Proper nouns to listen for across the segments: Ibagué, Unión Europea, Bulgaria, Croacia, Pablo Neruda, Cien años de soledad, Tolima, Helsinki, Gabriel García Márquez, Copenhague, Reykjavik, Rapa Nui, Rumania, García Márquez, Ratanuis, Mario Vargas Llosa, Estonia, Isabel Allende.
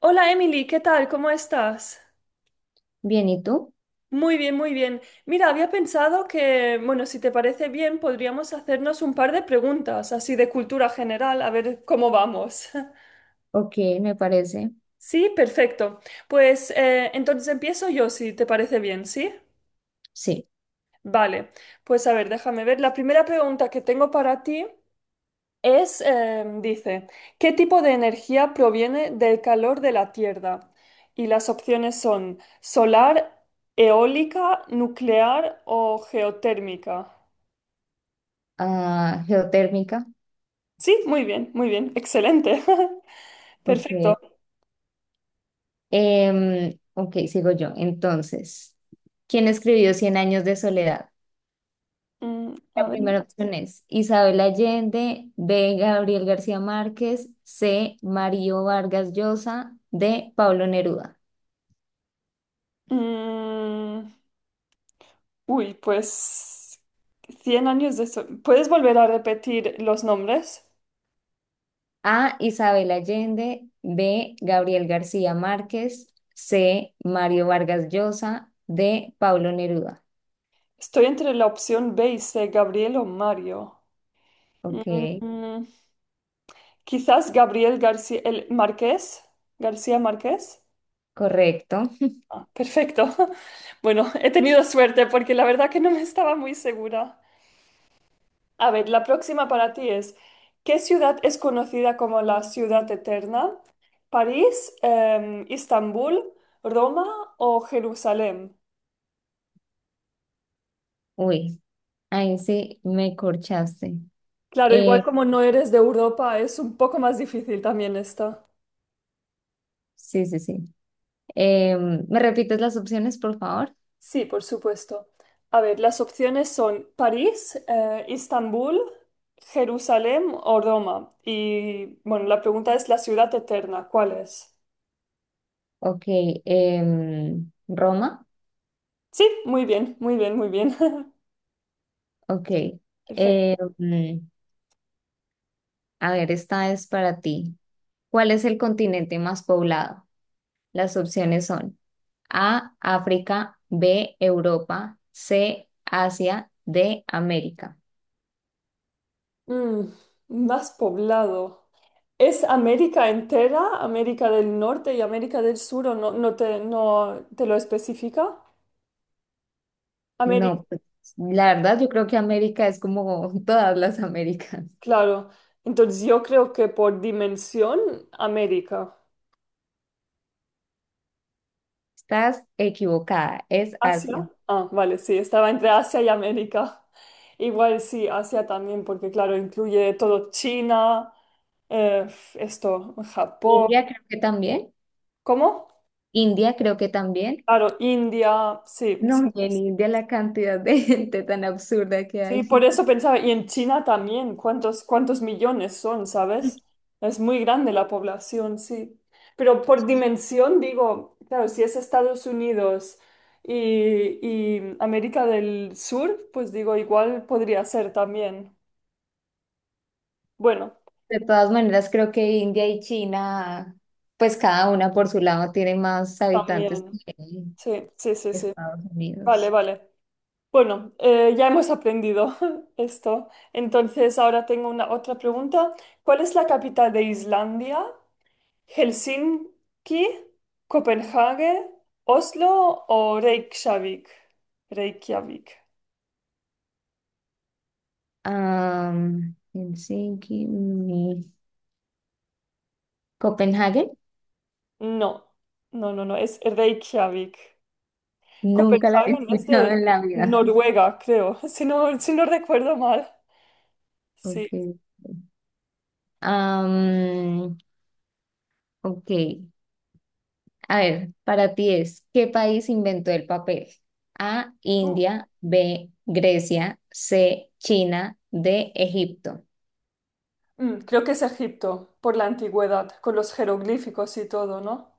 Hola Emily, ¿qué tal? ¿Cómo estás? Bien, ¿y tú? Muy bien, muy bien. Mira, había pensado que, bueno, si te parece bien, podríamos hacernos un par de preguntas, así de cultura general, a ver cómo vamos. Ok, me parece. Sí, perfecto. Pues entonces empiezo yo, si te parece bien, ¿sí? Sí. Vale, pues a ver, déjame ver. La primera pregunta que tengo para ti es, dice, ¿qué tipo de energía proviene del calor de la Tierra? Y las opciones son solar, eólica, nuclear o geotérmica. Ah, geotérmica. Sí, muy bien, excelente. Perfecto. Ok. Ok, sigo yo. Entonces, ¿quién escribió Cien años de soledad? Mm, La a ver. primera opción es Isabel Allende, B. Gabriel García Márquez, C. Mario Vargas Llosa, D. Pablo Neruda. Mm, uy, pues 100 años de... ¿Puedes volver a repetir los nombres? A. Isabel Allende, B. Gabriel García Márquez, C. Mario Vargas Llosa, D. Pablo Neruda. Estoy entre la opción B y C, Gabriel o Mario. Ok, Mm, Quizás Gabriel García, el Marqués, García Márquez. correcto. Ah, perfecto. Bueno, he tenido suerte porque la verdad que no me estaba muy segura. A ver, la próxima para ti es, ¿qué ciudad es conocida como la ciudad eterna? ¿París, Istambul, Roma o Jerusalén? Uy, ahí sí me corchaste. Claro, igual Eh, como no eres de Europa, es un poco más difícil también esta. sí, sí, sí. ¿Me repites las opciones, por favor? Sí, por supuesto. A ver, las opciones son París, Istambul, Jerusalén o Roma. Y bueno, la pregunta es la ciudad eterna, ¿cuál es? Ok, em, Roma. Sí, muy bien, muy bien, muy bien. Ok. Perfecto. Em, a ver, esta es para ti. ¿Cuál es el continente más poblado? Las opciones son A, África, B, Europa, C, Asia, D, América. Mm, más poblado. ¿Es América entera, América del Norte y América del Sur o no, no te lo especifica? América, No, pues, la verdad yo creo que América es como todas las Américas. claro. Entonces yo creo que por dimensión, América. Estás equivocada, es Asia. Asia. Ah, vale, sí, estaba entre Asia y América. Igual sí, Asia también, porque claro, incluye todo China, eh, Japón. India creo que también. ¿Cómo? India creo que también. Claro, India, sí, sí. No, y en India la cantidad de gente tan absurda que Sí, por hay. eso pensaba, y en China también, ¿cuántos millones son, sabes? Es muy grande la población, sí. Pero por dimensión, digo, claro, si es Estados Unidos y, y América del Sur, pues digo, igual podría ser también. Bueno, De todas maneras, creo que India y China, pues cada una por su lado tiene más habitantes también. que Sí, sí, sí, sí. Estados Vale, Unidos. vale. Bueno, ya hemos aprendido esto. Entonces, ahora tengo una otra pregunta. ¿Cuál es la capital de Islandia? ¿Helsinki, Copenhague, Oslo o Reykjavik? Reykjavik. Am, Helsinki, mm, Copenhague, No, no, no, no, es Reykjavik. nunca la había Copenhague no es escuchado de en la vida. Noruega, creo, si no recuerdo mal. Sí. Okay. Ok. Am, ok, a ver, para ti es, ¿qué país inventó el papel? A, India, B, Grecia, C, China, D, Egipto. Mm, creo que es Egipto, por la antigüedad, con los jeroglíficos y todo, ¿no?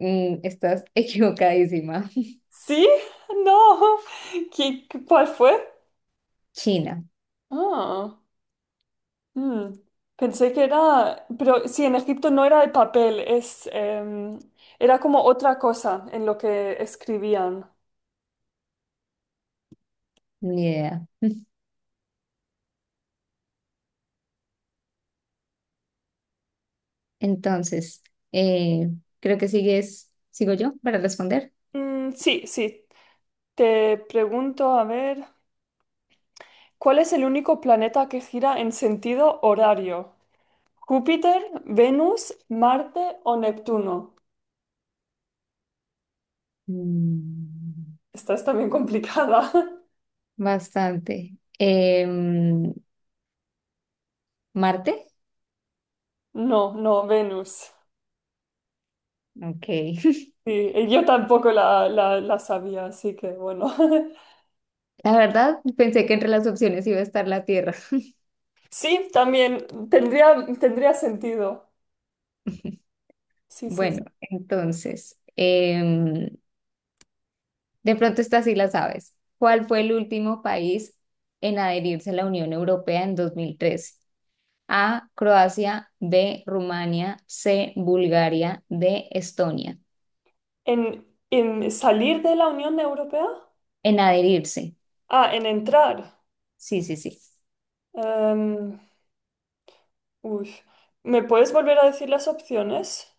Mm, estás equivocadísima. ¿Sí? No. ¿Cuál fue? China, Ah, mm. Pensé que era, pero sí, en Egipto no era el papel, es, era como otra cosa en lo que escribían. ni idea. Entonces, eh, creo que sigo yo para responder. Mm, sí, sí. Te pregunto, a ver, ¿cuál es el único planeta que gira en sentido horario? ¿Júpiter, Venus, Marte o Neptuno? Mm, Esta es también complicada. bastante. Marte. No, no, Venus. Ok. Sí, y yo tampoco la sabía, así que bueno. La verdad, pensé que entre las opciones iba a estar la Tierra. Sí, también tendría, tendría sentido. Sí, sí. Bueno, entonces, de pronto esta sí la sabes. ¿Cuál fue el último país en adherirse a la Unión Europea en 2013? A, Croacia, B, Rumania, C, Bulgaria, D, Estonia. En salir de la Unión Europea? En adherirse. Ah, en entrar. Sí, sí, sí. Em, uy. ¿Me puedes volver a decir las opciones?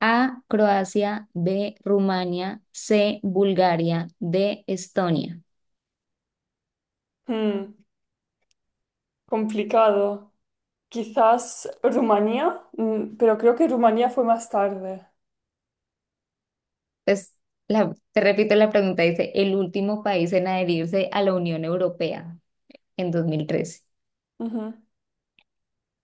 A, Croacia, B, Rumania, C, Bulgaria, D, Estonia. Hmm, complicado. Quizás Rumanía, mm, pero creo que Rumanía fue más tarde. Entonces, te repito la pregunta, dice, el último país en adherirse a la Unión Europea en 2013. Ujú.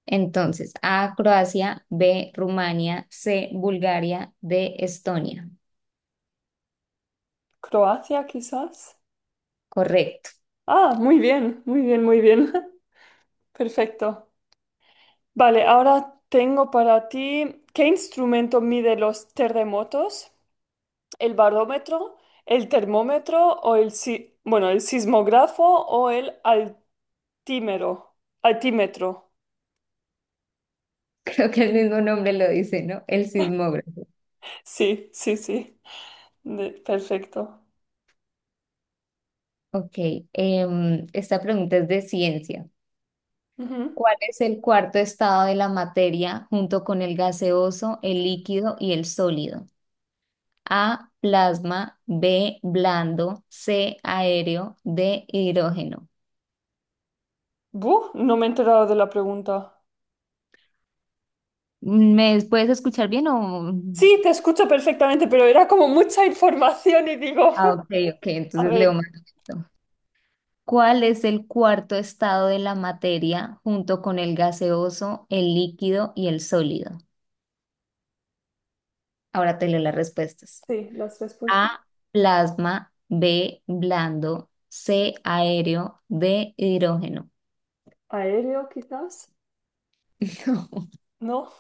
Entonces, A, Croacia, B, Rumania, C, Bulgaria, D, Estonia. Croacia, quizás. Correcto. Ah, muy bien, muy bien, muy bien. Perfecto. Vale, ahora tengo para ti, ¿qué instrumento mide los terremotos? ¿El barómetro, el termómetro o el, bueno, el sismógrafo o el altímero? Altímetro. Creo que el mismo nombre lo dice, ¿no? El sismógrafo. Sí, sí, sí. Perfecto. Ok, em, esta pregunta es de ciencia. Ujú. ¿Cuál es el cuarto estado de la materia junto con el gaseoso, el líquido y el sólido? A, plasma, B, blando, C, aéreo, D, hidrógeno. Buh, no me he enterado de la pregunta. ¿Me puedes escuchar bien o...? Sí, te escucho perfectamente, pero era como mucha información y digo, Ah, ok, ok, a entonces leo ver, más lento. ¿Cuál es el cuarto estado de la materia junto con el gaseoso, el líquido y el sólido? Ahora te leo las respuestas. sí, las respuestas. A, plasma, B, blando, C, aéreo, D, hidrógeno. Aéreo, quizás. No. No.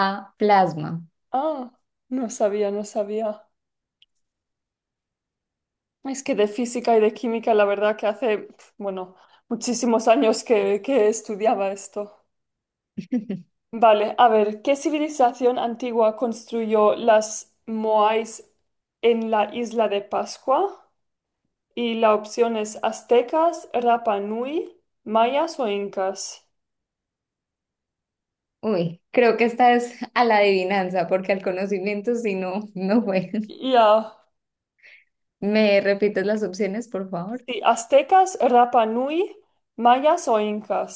A, plasma. Ah, no sabía, no sabía. Es que de física y de química, la verdad que hace, pf, bueno, muchísimos años que estudiaba esto. Vale, a ver, ¿qué civilización antigua construyó las Moais en la isla de Pascua? Y la opción es aztecas, Rapa Nui, mayas o incas. Uy, creo que esta es a la adivinanza, porque al conocimiento si no, no fue. Ya, ¿Me repites las opciones, por favor? sí, aztecas, Rapa Nui, mayas o incas.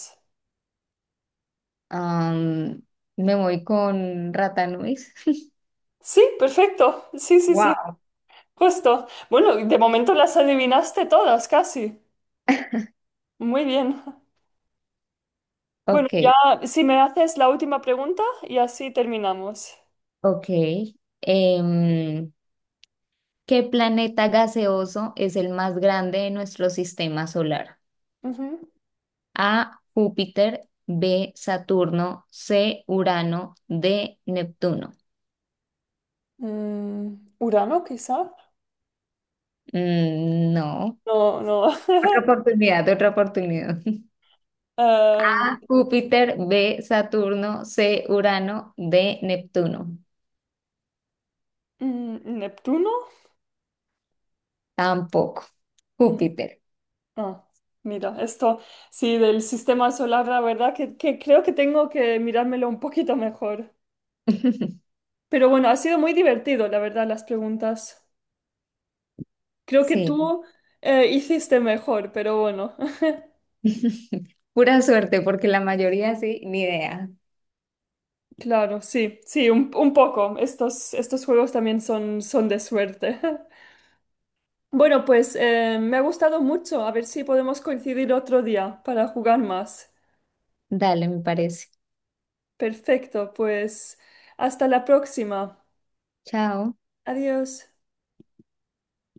Am, me voy con Ratanuis. Sí, perfecto, sí, sí, sí, Wow. justo. Bueno, de momento las adivinaste todas, casi. Muy bien. Bueno, Ok. ya si me haces la última pregunta y así terminamos. Ok. Em, ¿Qué planeta gaseoso es el más grande de nuestro sistema solar? Ujú. A, Júpiter, B, Saturno, C, Urano, D, Neptuno. Mm, Urano, quizá. Mm, no. No, no. Otra oportunidad, otra oportunidad. Em, A, Júpiter, B, Saturno, C, Urano, D, Neptuno. mm, Neptuno. Tampoco. Mm, Júpiter. ah, mira, esto sí, del sistema solar, la verdad que creo que tengo que mirármelo un poquito mejor. Pero bueno, ha sido muy divertido, la verdad, las preguntas. Creo que Sí. tú hiciste mejor, pero bueno. Pura suerte, porque la mayoría sí, ni idea. Claro, sí, sí, un poco. Estos, estos juegos también son, son de suerte. Bueno, pues me ha gustado mucho. A ver si podemos coincidir otro día para jugar más. Dale, me parece. Perfecto, pues hasta la próxima. Chao. Adiós.